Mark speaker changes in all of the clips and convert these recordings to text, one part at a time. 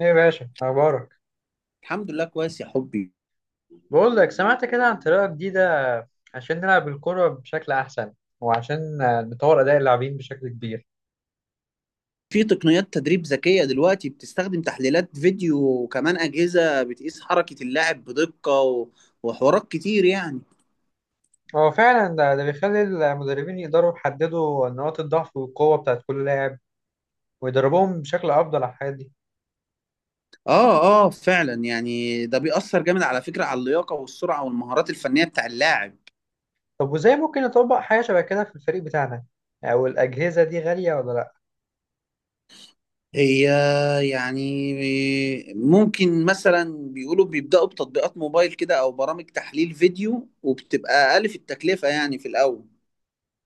Speaker 1: ايه يا باشا اخبارك؟
Speaker 2: الحمد لله كويس يا حبي.
Speaker 1: بقول لك سمعت كده عن طريقه جديده عشان نلعب الكره بشكل احسن، وعشان نطور اداء اللاعبين بشكل كبير.
Speaker 2: في تقنيات تدريب ذكية دلوقتي بتستخدم تحليلات فيديو وكمان أجهزة بتقيس حركة اللاعب بدقة وحوارات كتير يعني.
Speaker 1: هو فعلا ده بيخلي المدربين يقدروا يحددوا نقاط الضعف والقوه بتاعت كل لاعب ويدربوهم بشكل افضل على الحاجات دي.
Speaker 2: اه فعلا، يعني ده بيأثر جامد على فكرة على اللياقة والسرعة والمهارات الفنية بتاع اللاعب.
Speaker 1: طب وازاي ممكن نطبق حاجه شبه كده في الفريق بتاعنا؟ او الاجهزه دي غاليه ولا لا؟
Speaker 2: هي يعني ممكن مثلا بيقولوا بيبدأوا بتطبيقات موبايل كده أو برامج تحليل فيديو وبتبقى أقل في التكلفة يعني في الأول.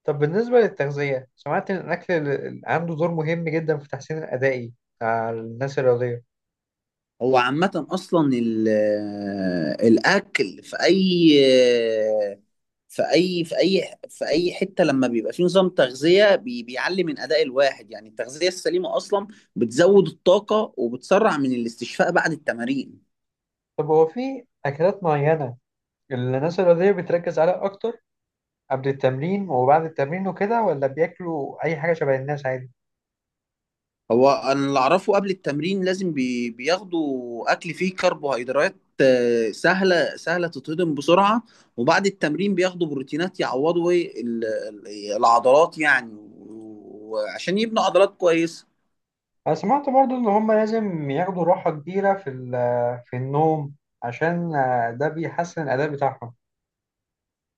Speaker 1: طب بالنسبه للتغذيه، سمعت ان الاكل عنده دور مهم جدا في التحسين الادائي على الناس الرياضيه.
Speaker 2: هو عامة أصلا الأكل في أي آه، في أي في أي حتة لما بيبقى فيه نظام تغذية بيعلي من أداء الواحد، يعني التغذية السليمة أصلا بتزود الطاقة وبتسرع من الاستشفاء بعد التمارين.
Speaker 1: طب هو في اكلات معينه الناس الرياضية بتركز عليها أكتر قبل التمرين وبعد التمرين وكده، ولا بياكلوا أي حاجة شبه الناس عادي؟
Speaker 2: هو انا اللي اعرفه قبل التمرين لازم بياخدوا اكل فيه كربوهيدرات، سهله تتهضم بسرعه. وبعد التمرين بياخدوا بروتينات يعوضوا إيه العضلات يعني، وعشان يبنوا عضلات كويسه.
Speaker 1: أنا سمعت برضو إن هما لازم ياخدوا راحة كبيرة في في النوم، عشان ده بيحسن الأداء بتاعهم.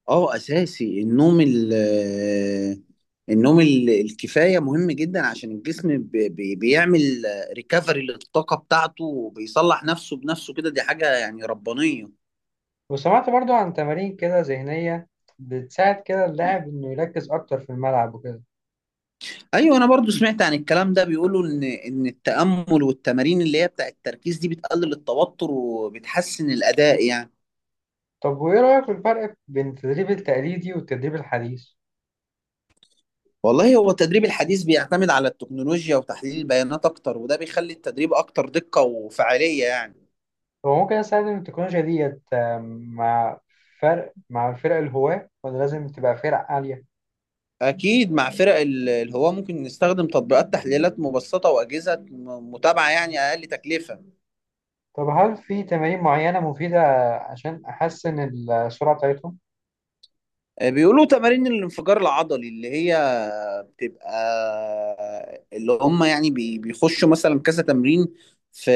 Speaker 2: اه، اساسي. النوم ال... آه، النوم الكفايه مهم جدا عشان الجسم بيعمل ريكفري للطاقه بتاعته وبيصلح نفسه بنفسه كده، دي حاجه يعني ربانيه.
Speaker 1: وسمعت برضو عن تمارين كده ذهنية بتساعد كده اللاعب إنه يركز أكتر في الملعب وكده.
Speaker 2: ايوه، انا برضو سمعت عن الكلام ده، بيقولوا ان التأمل والتمارين اللي هي بتاع التركيز دي بتقلل التوتر وبتحسن الأداء يعني.
Speaker 1: طب وإيه رأيك في الفرق بين التدريب التقليدي والتدريب الحديث؟
Speaker 2: والله هو التدريب الحديث بيعتمد على التكنولوجيا وتحليل البيانات اكتر، وده بيخلي التدريب اكتر دقة وفعالية يعني.
Speaker 1: هو ممكن أستخدم التكنولوجيا ديت مع مع الفرق الهواة ولا لازم تبقى فرق عالية؟
Speaker 2: اكيد مع فرق الهواة ممكن نستخدم تطبيقات تحليلات مبسطة وأجهزة متابعة يعني اقل تكلفة.
Speaker 1: طب هل في تمارين معينة مفيدة عشان أحسن السرعة بتاعتهم؟
Speaker 2: بيقولوا تمارين الانفجار العضلي اللي هي بتبقى اللي هم يعني بيخشوا مثلا كذا تمرين في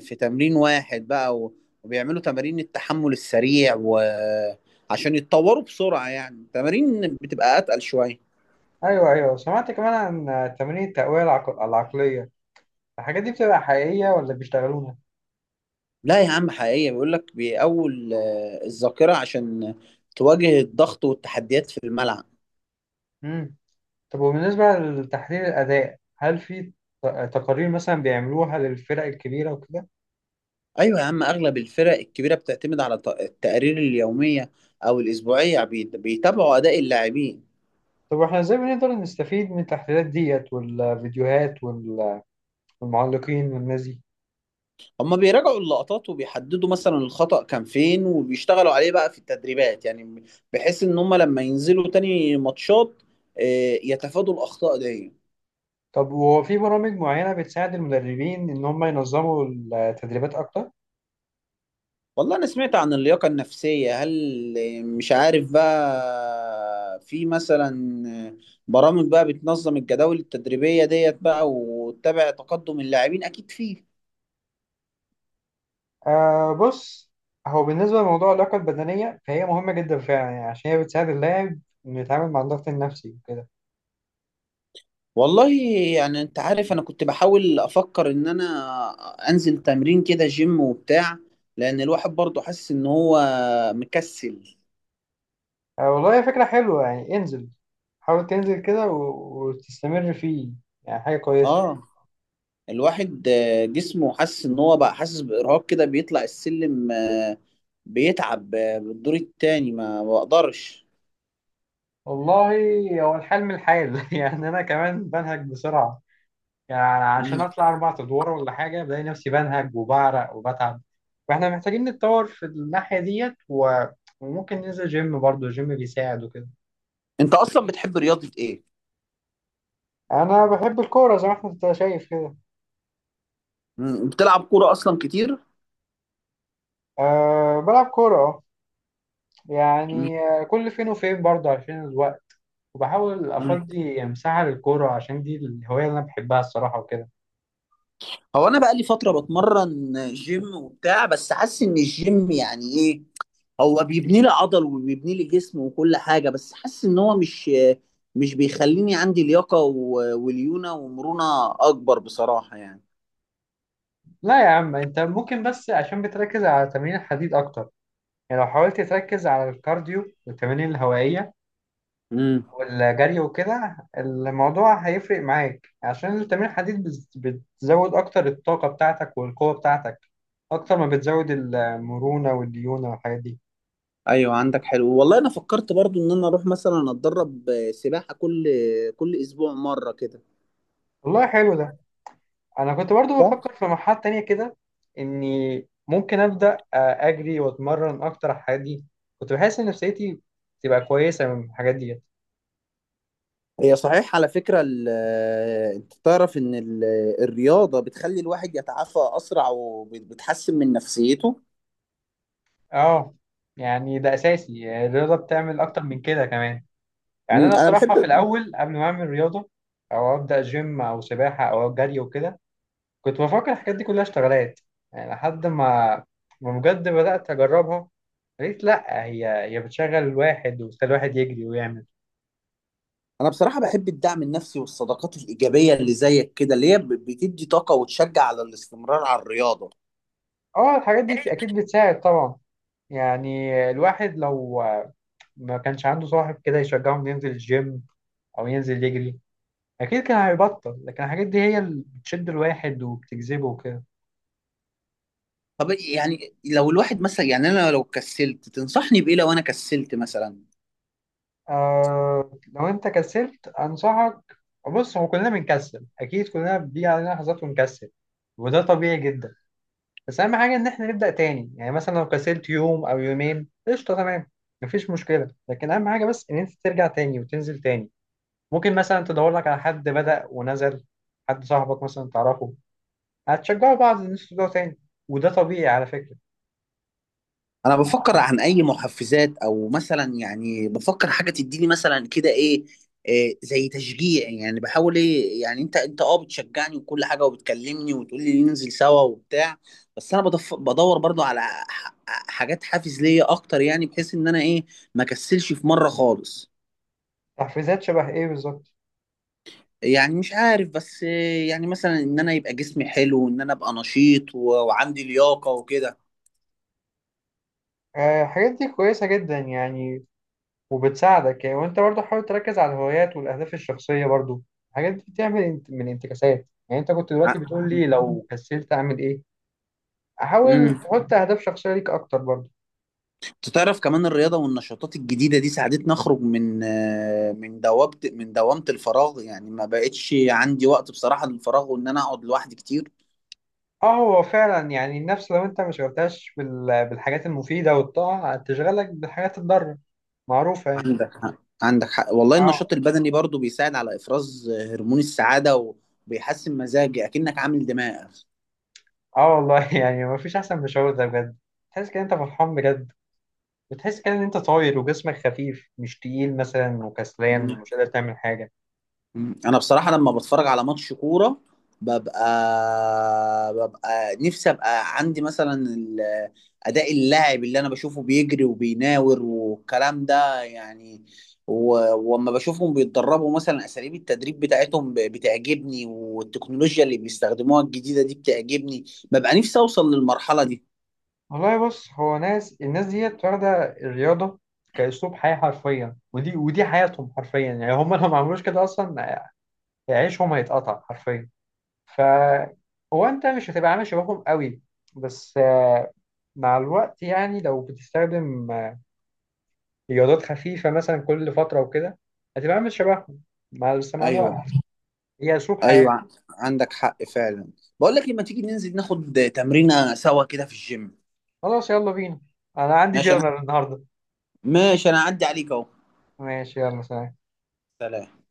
Speaker 2: في تمرين واحد بقى وبيعملوا تمارين التحمل السريع، وعشان يتطوروا بسرعة يعني تمارين بتبقى أتقل شوية.
Speaker 1: أيوه أيوه، سمعت كمان عن تمارين التقوية العقلية، الحاجات دي بتبقى حقيقية ولا بيشتغلوها؟
Speaker 2: لا يا عم، حقيقية، بيقول لك بيقوي الذاكرة عشان تواجه الضغط والتحديات في الملعب.
Speaker 1: مم. طب وبالنسبة لتحليل الأداء، هل في ت- تقارير مثلا بيعملوها للفرق الكبيرة وكده؟
Speaker 2: ايوه يا عم، اغلب الفرق الكبيره بتعتمد على التقارير اليوميه او الاسبوعيه، بيتابعوا اداء اللاعبين.
Speaker 1: طب واحنا ازاي بنقدر نستفيد من التحليلات ديت والفيديوهات والمعلقين والناس دي؟
Speaker 2: هما بيراجعوا اللقطات وبيحددوا مثلا الخطأ كان فين وبيشتغلوا عليه بقى في التدريبات، يعني بحيث ان هما لما ينزلوا تاني ماتشات يتفادوا الاخطاء دي.
Speaker 1: طب وهو في برامج معينة بتساعد المدربين إن هم ينظموا التدريبات أكتر؟
Speaker 2: والله انا سمعت عن اللياقه النفسيه، هل مش عارف بقى في مثلا آه، برامج بقى بتنظم الجداول التدريبيه ديت بقى وتتابع تقدم اللاعبين، اكيد فيه.
Speaker 1: آه، بص، هو بالنسبة لموضوع اللياقة البدنية فهي مهمة جدا فعلا يعني، عشان هي بتساعد اللاعب إنه يتعامل مع الضغط النفسي وكده.
Speaker 2: والله يعني انت عارف انا كنت بحاول افكر ان انا انزل تمرين كده جيم وبتاع، لان الواحد برضه حاسس ان هو مكسل.
Speaker 1: آه والله هي فكرة حلوة، يعني انزل، حاول تنزل كده وتستمر فيه، يعني حاجة كويسة.
Speaker 2: اه، الواحد جسمه حاسس ان هو بقى حاسس بارهاق كده، بيطلع السلم بيتعب، بالدور التاني ما بقدرش.
Speaker 1: والله هو الحال من الحال يعني أنا كمان بنهج بسرعة، يعني عشان
Speaker 2: مم.
Speaker 1: أطلع أربع أدوار ولا حاجة بلاقي نفسي بنهج وبعرق وبتعب. فإحنا محتاجين نتطور في الناحية ديت وممكن ننزل جيم برضه، الجيم بيساعد وكده.
Speaker 2: انت اصلا بتحب رياضة ايه؟
Speaker 1: انا بحب الكوره زي ما انت شايف كده.
Speaker 2: مم. بتلعب كورة اصلا كتير؟
Speaker 1: أه بلعب كوره اه،
Speaker 2: مم.
Speaker 1: يعني كل فين وفين برضه عشان الوقت. وبحاول
Speaker 2: مم.
Speaker 1: افضي مساحه للكوره عشان دي الهوايه اللي انا بحبها الصراحه وكده.
Speaker 2: هو انا بقى لي فترة بتمرن جيم وبتاع، بس حاسس ان الجيم يعني ايه، هو بيبني لي عضل وبيبني لي جسم وكل حاجة، بس حاسس ان هو مش بيخليني عندي لياقة وليونة ومرونة اكبر بصراحة يعني.
Speaker 1: لا يا عم، انت ممكن بس عشان بتركز على تمرين الحديد اكتر، يعني لو حاولت تركز على الكارديو والتمارين الهوائيه
Speaker 2: امم
Speaker 1: والجري وكده الموضوع هيفرق معاك، عشان التمرين الحديد بتزود اكتر الطاقه بتاعتك والقوه بتاعتك اكتر ما بتزود المرونه والديونه والحاجات دي.
Speaker 2: ايوه، عندك حلو، والله انا فكرت برضو ان انا اروح مثلا اتدرب سباحة كل اسبوع مرة كده.
Speaker 1: والله حلو ده، انا كنت برضو
Speaker 2: صح.
Speaker 1: بفكر في مرحله تانية كده، اني ممكن ابدا اجري واتمرن اكتر على الحاجات دي، كنت بحس ان نفسيتي تبقى كويسه من الحاجات دي.
Speaker 2: هي صحيح، على فكرة انت تعرف ان الرياضة بتخلي الواحد يتعافى اسرع وبتحسن من نفسيته.
Speaker 1: اه يعني ده اساسي، يعني الرياضه بتعمل اكتر من كده كمان. يعني
Speaker 2: مم،
Speaker 1: انا
Speaker 2: انا
Speaker 1: الصراحه
Speaker 2: بحب،
Speaker 1: في الاول قبل ما اعمل رياضه او ابدا جيم او سباحه او جري وكده كنت بفكر الحاجات دي كلها اشتغالات، يعني لحد ما بجد بدات اجربها، قلت لا، هي بتشغل الواحد وبتخلي الواحد يجري ويعمل.
Speaker 2: انا بصراحه بحب الدعم النفسي والصداقات الايجابيه اللي زيك كده، اللي هي بتدي طاقه وتشجع على الاستمرار على الرياضه.
Speaker 1: اه الحاجات دي اكيد بتساعد طبعا. يعني الواحد لو ما كانش عنده صاحب كده يشجعه انه ينزل الجيم او ينزل يجري اكيد كان هيبطل، لكن الحاجات دي هي اللي بتشد الواحد وبتجذبه وكده.
Speaker 2: طب يعني لو الواحد مثلا، يعني انا لو كسلت تنصحني بايه؟ لو انا كسلت مثلا.
Speaker 1: آه، لو انت كسلت انصحك، بص هو كلنا بنكسل، اكيد كلنا بيجي علينا لحظات ونكسل، وده طبيعي جدا، بس اهم حاجه ان احنا نبدا تاني. يعني مثلا لو كسلت يوم او يومين قشطه تمام، مفيش مشكله، لكن اهم حاجه بس ان انت ترجع تاني وتنزل تاني. ممكن مثلا تدور لك على حد بدأ ونزل، حد صاحبك مثلا تعرفه، هتشجعوا بعض ان انتوا تبدأوا تاني، وده طبيعي على فكرة.
Speaker 2: انا بفكر عن اي محفزات، او مثلا يعني بفكر حاجه تديني مثلا كده ايه، إيه زي تشجيع يعني، بحاول ايه يعني، انت اه بتشجعني وكل حاجه وبتكلمني وتقول لي ننزل سوا وبتاع، بس انا بدور برضو على حاجات حافز ليا اكتر، يعني بحيث ان انا ايه، ما كسلش في مره خالص.
Speaker 1: تحفيزات شبه ايه بالظبط؟
Speaker 2: يعني مش عارف، بس إيه يعني مثلا ان انا يبقى جسمي حلو وان انا ابقى نشيط وعندي لياقه وكده.
Speaker 1: الحاجات دي كويسة جدا يعني، وبتساعدك يعني. وانت برضه حاول تركز على الهوايات والاهداف الشخصية برضه، الحاجات دي بتعمل من انتكاسات، يعني انت كنت دلوقتي
Speaker 2: ع-
Speaker 1: بتقول لي لو كسلت اعمل ايه. حاول تحط اهداف شخصية ليك اكتر برضه.
Speaker 2: تعرف كمان الرياضة والنشاطات الجديدة دي ساعدتني أخرج من من دوامة، من دوامة الفراغ يعني، ما بقتش عندي وقت بصراحة للفراغ وإن أنا أقعد لوحدي كتير.
Speaker 1: اه هو فعلا، يعني النفس لو انت ما شغلتهاش بالحاجات المفيدة والطاعة هتشغلك بالحاجات الضارة، معروفة يعني.
Speaker 2: عندك حق. عندك حق، والله
Speaker 1: اه.
Speaker 2: النشاط البدني برضو بيساعد على إفراز هرمون السعادة وبيحسن مزاجي، أكنك عامل دماغ.
Speaker 1: اه والله يعني مفيش احسن من الشعور ده بجد، تحس كده انت فرحان بجد، بتحس كده ان انت طاير وجسمك خفيف مش تقيل مثلا وكسلان ومش قادر تعمل حاجه.
Speaker 2: مم. انا بصراحه لما بتفرج على ماتش كوره ببقى نفسي ابقى عندي مثلا اداء اللاعب اللي انا بشوفه بيجري وبيناور والكلام ده يعني، وأما بشوفهم بيتدربوا مثلا اساليب التدريب بتاعتهم بتعجبني، والتكنولوجيا اللي بيستخدموها الجديده دي بتعجبني، ببقى نفسي اوصل للمرحله دي.
Speaker 1: والله بص، هو الناس ديت واخده الرياضه كاسلوب حياه حرفيا، ودي حياتهم حرفيا، يعني هم لو ما عملوش كده اصلا عيشهم هيتقطع حرفيا. ف هو انت مش هتبقى عامل شبههم قوي، بس مع الوقت، يعني لو بتستخدم رياضات خفيفه مثلا كل فتره وكده هتبقى عامل شبههم، بس مع الوقت.
Speaker 2: ايوه
Speaker 1: هي اسلوب حياة.
Speaker 2: ايوه، عندك حق فعلا. بقول لك لما تيجي ننزل ناخد تمرينه سوا كده في الجيم.
Speaker 1: خلاص يلا بينا، انا عندي
Speaker 2: ماشي انا،
Speaker 1: جنرال النهارده.
Speaker 2: ماشي انا اعدي عليك اهو.
Speaker 1: ماشي يلا سلام.
Speaker 2: سلام.